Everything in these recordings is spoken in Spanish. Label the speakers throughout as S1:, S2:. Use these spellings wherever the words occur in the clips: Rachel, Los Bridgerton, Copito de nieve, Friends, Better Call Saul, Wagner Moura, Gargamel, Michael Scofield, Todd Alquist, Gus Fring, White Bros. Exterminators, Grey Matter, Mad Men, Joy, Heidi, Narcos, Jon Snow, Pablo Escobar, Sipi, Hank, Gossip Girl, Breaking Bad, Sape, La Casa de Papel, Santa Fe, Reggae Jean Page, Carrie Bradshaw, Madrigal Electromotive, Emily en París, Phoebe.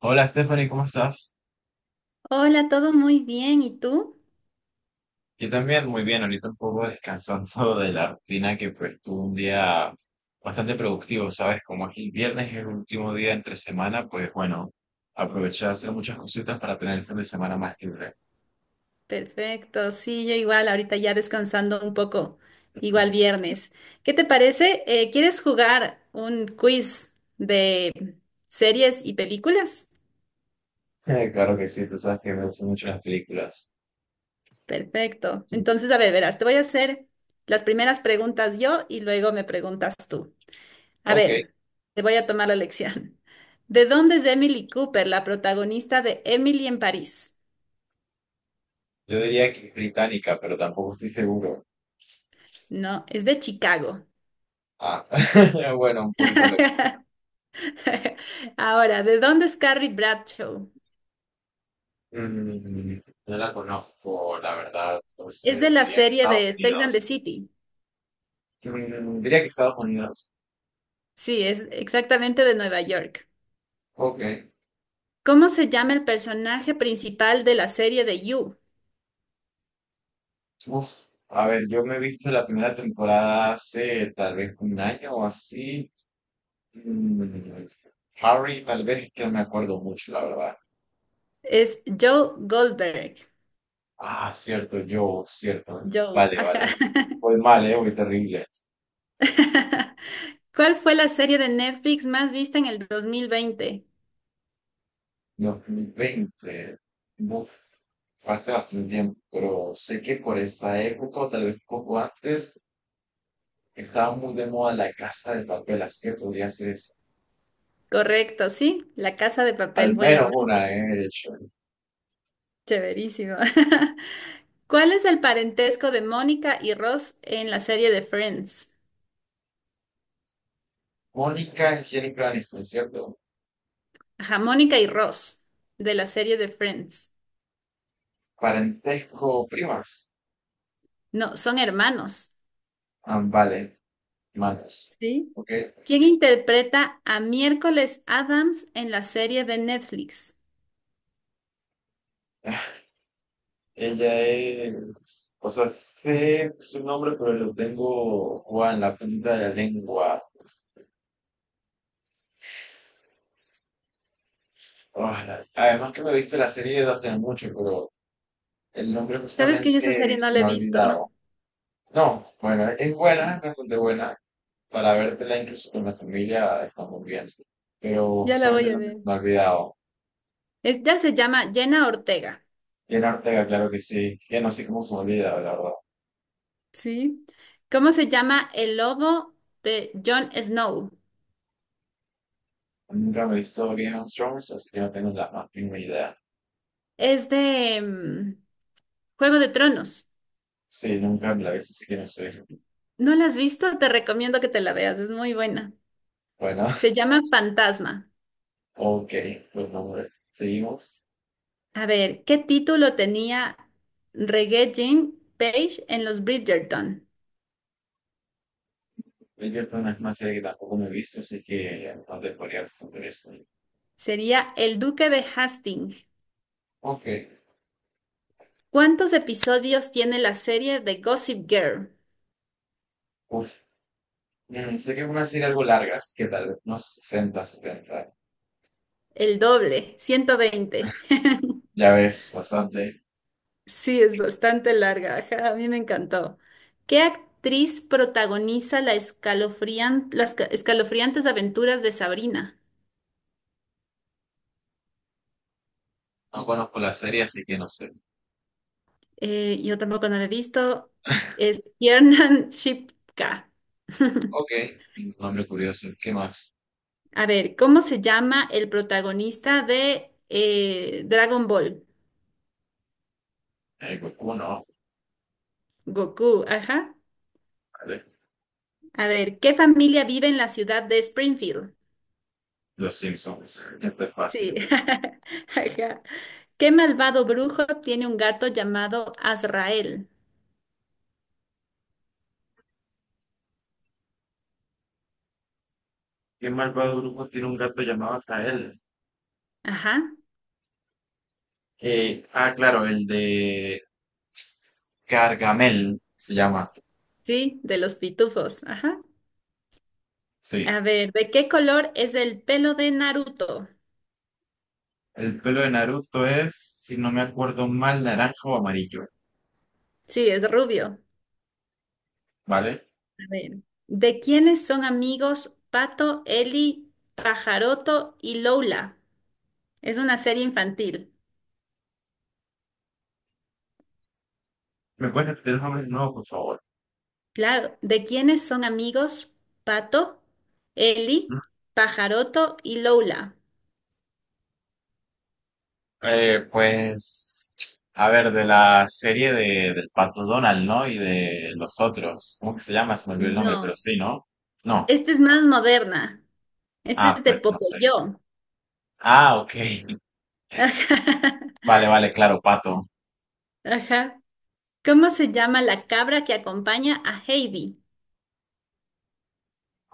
S1: Hola Stephanie, ¿cómo estás?
S2: Hola, todo muy bien. ¿Y tú?
S1: Yo también muy bien, ahorita un poco descansando de la rutina que pues tuve un día bastante productivo, ¿sabes? Como aquí el viernes es el último día entre semana, pues bueno, aproveché de hacer muchas cositas para tener el fin de semana más libre.
S2: Perfecto. Sí, yo igual, ahorita ya descansando un poco, igual viernes. ¿Qué te parece? ¿Quieres jugar un quiz de series y películas?
S1: Claro que sí, tú sabes que me gustan mucho las películas.
S2: Perfecto. Entonces, a ver, verás, te voy a hacer las primeras preguntas yo y luego me preguntas tú. A
S1: Ok,
S2: ver, te voy a tomar la lección. ¿De dónde es Emily Cooper, la protagonista de Emily en París?
S1: yo diría que es británica, pero tampoco estoy seguro.
S2: No, es de Chicago.
S1: Ah, bueno, un poquito de.
S2: Ahora, ¿de dónde es Carrie Bradshaw?
S1: Mm, no la conozco, la verdad,
S2: Es de
S1: entonces
S2: la
S1: diría que
S2: serie
S1: Estados
S2: de Sex and the
S1: Unidos.
S2: City.
S1: Diría que Estados Unidos.
S2: Sí, es exactamente de Nueva York.
S1: Ok.
S2: ¿Cómo se llama el personaje principal de la serie de You?
S1: Uf, a ver, yo me he visto la primera temporada hace tal vez un año o así. Mm, Harry, tal vez es que no me acuerdo mucho, la verdad.
S2: Es Joe Goldberg.
S1: Ah, cierto, yo, cierto.
S2: Joe,
S1: Vale,
S2: ajá.
S1: vale. Voy mal, voy terrible.
S2: ¿Cuál fue la serie de Netflix más vista en el 2020?
S1: 2020. Uf, fue hace bastante tiempo, pero sé que por esa época, o tal vez un poco antes, estaba muy de moda la Casa de Papel, así que podría ser esa.
S2: Correcto, sí. La Casa de
S1: Al
S2: Papel fue la
S1: menos
S2: más
S1: una,
S2: vista.
S1: de hecho.
S2: Chéverísimo. ¿Cuál es el parentesco de Mónica y Ross en la serie de Friends?
S1: Mónica Angélica Aniston, ¿cierto?
S2: Ajá, Mónica y Ross, de la serie de Friends.
S1: Parentesco primas.
S2: No, son hermanos,
S1: Ah, vale, manos.
S2: ¿sí?
S1: Ok.
S2: ¿Quién interpreta a Miércoles Adams en la serie de Netflix?
S1: Ella es. O sea, sé su nombre, pero lo tengo guau, en la punta de la lengua. Ah, además que me he visto la serie desde hace mucho, pero el nombre
S2: ¿Sabes que
S1: justamente
S2: yo esa serie no
S1: se
S2: la
S1: me
S2: he
S1: ha
S2: visto?
S1: olvidado. No, bueno, es
S2: No,
S1: buena, es bastante buena. Para vértela incluso con la familia está muy bien. Pero
S2: ya la
S1: justamente
S2: voy
S1: el
S2: a
S1: nombre
S2: ver.
S1: se me ha olvidado.
S2: Esta se llama Jenna Ortega,
S1: Bien Ortega, claro que sí. Ya no sé cómo se me olvida, la verdad.
S2: ¿sí? ¿Cómo se llama el lobo de Jon Snow?
S1: Nunca me he visto Game of Thrones, así que no tengo la más mínima idea.
S2: Es de Juego de Tronos.
S1: Sí, nunca me la he visto, así que no sé.
S2: ¿No la has visto? Te recomiendo que te la veas, es muy buena.
S1: Bueno,
S2: Se llama Fantasma.
S1: ok, pues no, hombre, seguimos.
S2: A ver, ¿qué título tenía Reggae Jean Page en Los Bridgerton?
S1: Bridgerton es una serie que tampoco me he visto, así que no te podría responder eso.
S2: Sería El Duque de Hastings.
S1: Ok,
S2: ¿Cuántos episodios tiene la serie de Gossip Girl?
S1: uf. Sé que es una serie algo largas, que tal vez unos 60, 70.
S2: El doble, 120.
S1: Ya ves, bastante.
S2: Sí, es bastante larga. Ajá, a mí me encantó. ¿Qué actriz protagoniza las escalofriantes aventuras de Sabrina?
S1: No conozco la serie, así que no sé.
S2: Yo tampoco no la he visto. Es Kiernan Shipka.
S1: Ok, nombre curioso. ¿Qué más?
S2: A ver, ¿cómo se llama el protagonista de Dragon Ball?
S1: Goku, no,
S2: Goku, ajá.
S1: vale.
S2: A ver, ¿qué familia vive en la ciudad de Springfield?
S1: Los Simpsons. Esto es
S2: Sí,
S1: fácil.
S2: ajá. ¿Qué malvado brujo tiene un gato llamado Azrael?
S1: ¿Qué malvado grupo tiene un gato llamado Kael?
S2: Ajá,
S1: Ah, claro, el de Gargamel se llama.
S2: sí, de los pitufos, ajá.
S1: Sí.
S2: A ver, ¿de qué color es el pelo de Naruto?
S1: El pelo de Naruto es, si no me acuerdo mal, naranja o amarillo,
S2: Sí, es rubio.
S1: ¿vale?
S2: A ver, ¿de quiénes son amigos Pato, Eli, Pajaroto y Lola? Es una serie infantil.
S1: ¿Me puedes repetir los nombres de nuevo, por favor?
S2: Claro. ¿De quiénes son amigos? Pato, Eli, Pajaroto y Lola.
S1: Pues, a ver, de la serie de, del Pato Donald, ¿no? Y de los otros. ¿Cómo que se llama? Se me olvidó el nombre, pero
S2: No.
S1: sí, ¿no? No.
S2: Esta es más moderna. Esta
S1: Ah,
S2: es de
S1: pues no sé.
S2: Pocoyo.
S1: Ah, ok.
S2: Ajá.
S1: Vale, vale, claro, Pato.
S2: Ajá. ¿Cómo se llama la cabra que acompaña a Heidi?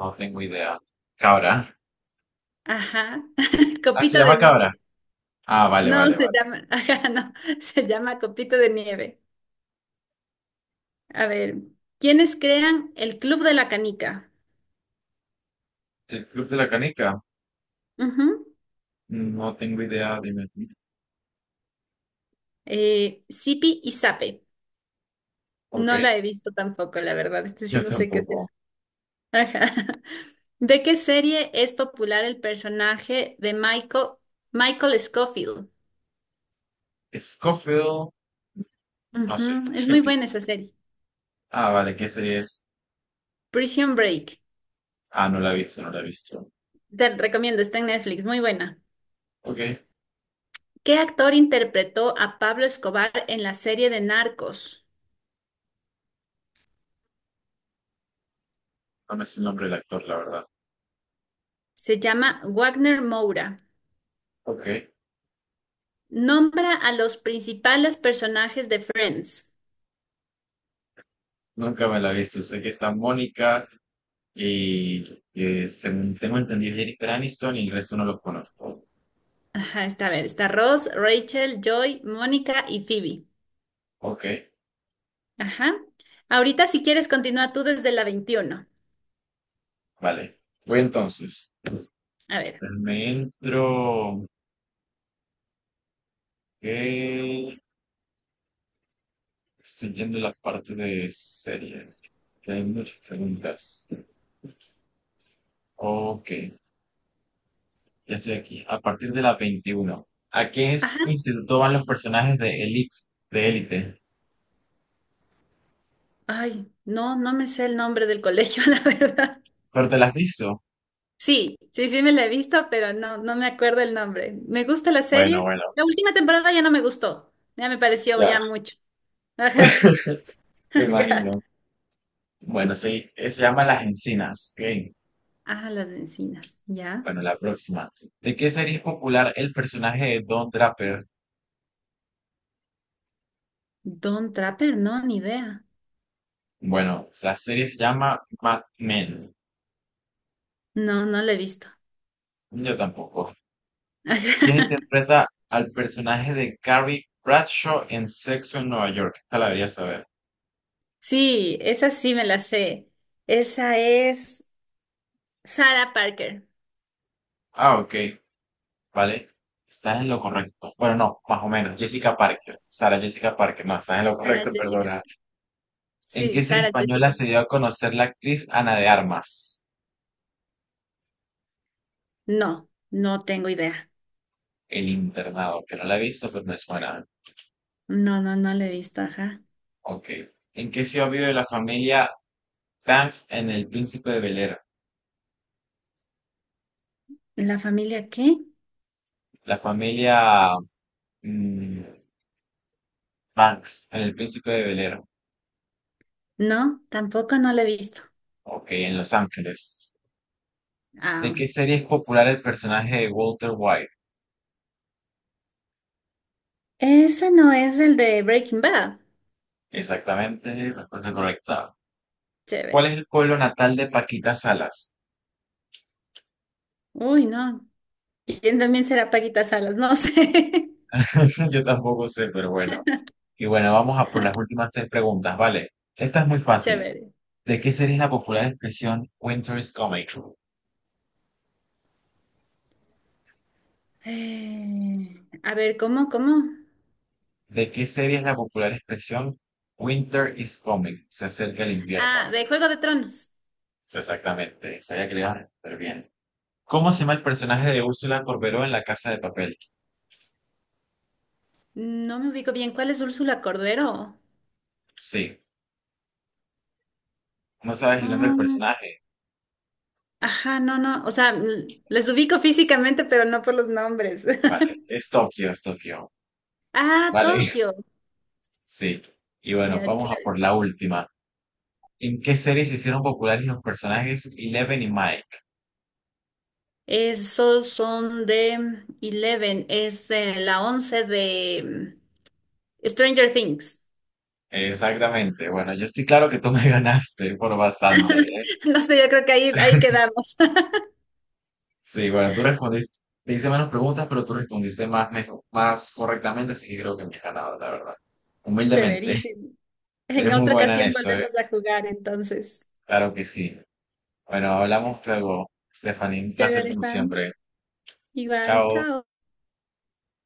S1: No tengo idea. Cabra.
S2: Ajá.
S1: Ah, se
S2: Copito de
S1: llama Cabra.
S2: nieve.
S1: Ah, vale,
S2: No,
S1: vale,
S2: se
S1: vale.
S2: llama. Ajá, no. Se llama Copito de nieve. A ver. ¿Quiénes crean el Club de la Canica?
S1: El Club de la Canica.
S2: Ujú.
S1: No tengo idea, dime tú.
S2: Sipi y Sape.
S1: Ok,
S2: No la he visto tampoco, la verdad. Este sí
S1: yo
S2: no sé qué será.
S1: tampoco.
S2: Ajá. ¿De qué serie es popular el personaje de Michael, Michael Scofield?
S1: Scofield. No sé.
S2: Ujú, es muy buena esa serie.
S1: Ah, vale, ¿qué serie es?
S2: Prison Break.
S1: Ah, no la he visto, no la he visto.
S2: Te recomiendo, está en Netflix, muy buena.
S1: Ok,
S2: ¿Qué actor interpretó a Pablo Escobar en la serie de Narcos?
S1: no me sé el nombre del actor, la verdad.
S2: Se llama Wagner Moura.
S1: Ok,
S2: Nombra a los principales personajes de Friends.
S1: nunca me la he visto. Sé que está Mónica y que según tengo entendido Jennifer Aniston y el resto no los conozco.
S2: Ajá, está a ver, está Ross, Rachel, Joy, Mónica y Phoebe.
S1: Ok,
S2: Ajá. Ahorita si quieres continúa tú desde la 21.
S1: vale. Voy entonces.
S2: A ver.
S1: Me entro. Ok, estoy yendo a la parte de series, que hay muchas preguntas. Ok, ya estoy aquí. A partir de la 21, ¿a qué
S2: Ajá.
S1: instituto van los personajes de Elite? De Élite.
S2: Ay, no, no me sé el nombre del colegio, la verdad.
S1: ¿Pero te las has visto?
S2: Sí, sí, sí me la he visto, pero no, no me acuerdo el nombre. Me gusta la
S1: Bueno,
S2: serie.
S1: bueno,
S2: La última temporada ya no me gustó. Ya me pareció
S1: ya,
S2: ya mucho. Ajá.
S1: me
S2: Ajá.
S1: imagino. Bueno, sí, se llama Las Encinas. Ok,
S2: Ah, las encinas. Ya.
S1: bueno, la próxima. ¿De qué serie es popular el personaje de Don Draper?
S2: Don Trapper, no, ni idea.
S1: Bueno, la serie se llama Mad Men.
S2: No, no la he visto.
S1: Yo tampoco.
S2: Ajá.
S1: Quien interpreta al personaje de Carrie Bradshaw en Sexo en Nueva York. Esta la debería saber.
S2: Sí, esa sí me la sé. Esa es Sarah Parker.
S1: Ah, ok, vale. Estás en lo correcto. Bueno, no, más o menos. Jessica Parker. Sara Jessica Parker. No, estás en lo
S2: Sarah
S1: correcto,
S2: Jessica.
S1: perdona. ¿En
S2: Sí,
S1: qué serie
S2: Sara
S1: española
S2: Jessica.
S1: se dio a conocer la actriz Ana de Armas?
S2: No, no tengo idea.
S1: El internado, que no la he visto, pero me suena.
S2: No, no, no la he visto, ajá.
S1: Ok. ¿En qué ciudad vive la familia Banks en El Príncipe de Bel Air?
S2: ¿La familia qué?
S1: La familia mm, Banks en El Príncipe de Bel Air.
S2: No, tampoco no la he visto.
S1: Ok, en Los Ángeles. ¿De
S2: Ah,
S1: qué serie es popular el personaje de Walter White?
S2: ese no es el de Breaking Bad.
S1: Exactamente, respuesta correcta. ¿Cuál es
S2: Chévere.
S1: el pueblo natal de Paquita Salas?
S2: Uy, no. ¿Quién también será Paquita Salas? No sé.
S1: Yo tampoco sé, pero bueno. Y bueno, vamos a por las últimas seis preguntas, ¿vale? Esta es muy fácil.
S2: Chévere.
S1: ¿De qué serie es la popular expresión Winter is coming?
S2: A ver, ¿cómo, cómo?
S1: ¿De qué serie es la popular expresión Winter is coming? Se acerca el
S2: Ah,
S1: invierno.
S2: de Juego de Tronos.
S1: Sí, exactamente, sabía que le iba a responder bien. ¿Cómo se llama el personaje de Úrsula Corberó en La Casa de Papel?
S2: No me ubico bien. ¿Cuál es Úrsula Cordero?
S1: Sí. No sabes el nombre del
S2: Mm,
S1: personaje.
S2: ajá, no, no. O sea, l- les ubico físicamente, pero no por los nombres.
S1: Vale, es Tokio, es Tokio.
S2: Ah,
S1: Vale,
S2: Tokio.
S1: sí. Y bueno,
S2: Ya,
S1: vamos a por
S2: chévere.
S1: la última. ¿En qué series se hicieron populares los personajes Eleven y Mike?
S2: Esos son de Eleven, es la 11 de Stranger Things.
S1: Exactamente. Bueno, yo estoy claro que tú me ganaste por bastante, ¿eh?
S2: No sé, yo creo que ahí quedamos.
S1: Sí, bueno, tú respondiste, te hice menos preguntas, pero tú respondiste más, mejor, más correctamente, así que creo que me has ganado, la verdad. Humildemente,
S2: Chéverísimo. En
S1: eres muy
S2: otra
S1: buena en
S2: ocasión
S1: esto, ¿eh?
S2: volvemos a jugar, entonces.
S1: Claro que sí. Bueno, hablamos luego, Stephanie. Un placer
S2: Chévere,
S1: como
S2: Juan.
S1: siempre.
S2: Igual,
S1: Chao.
S2: chao.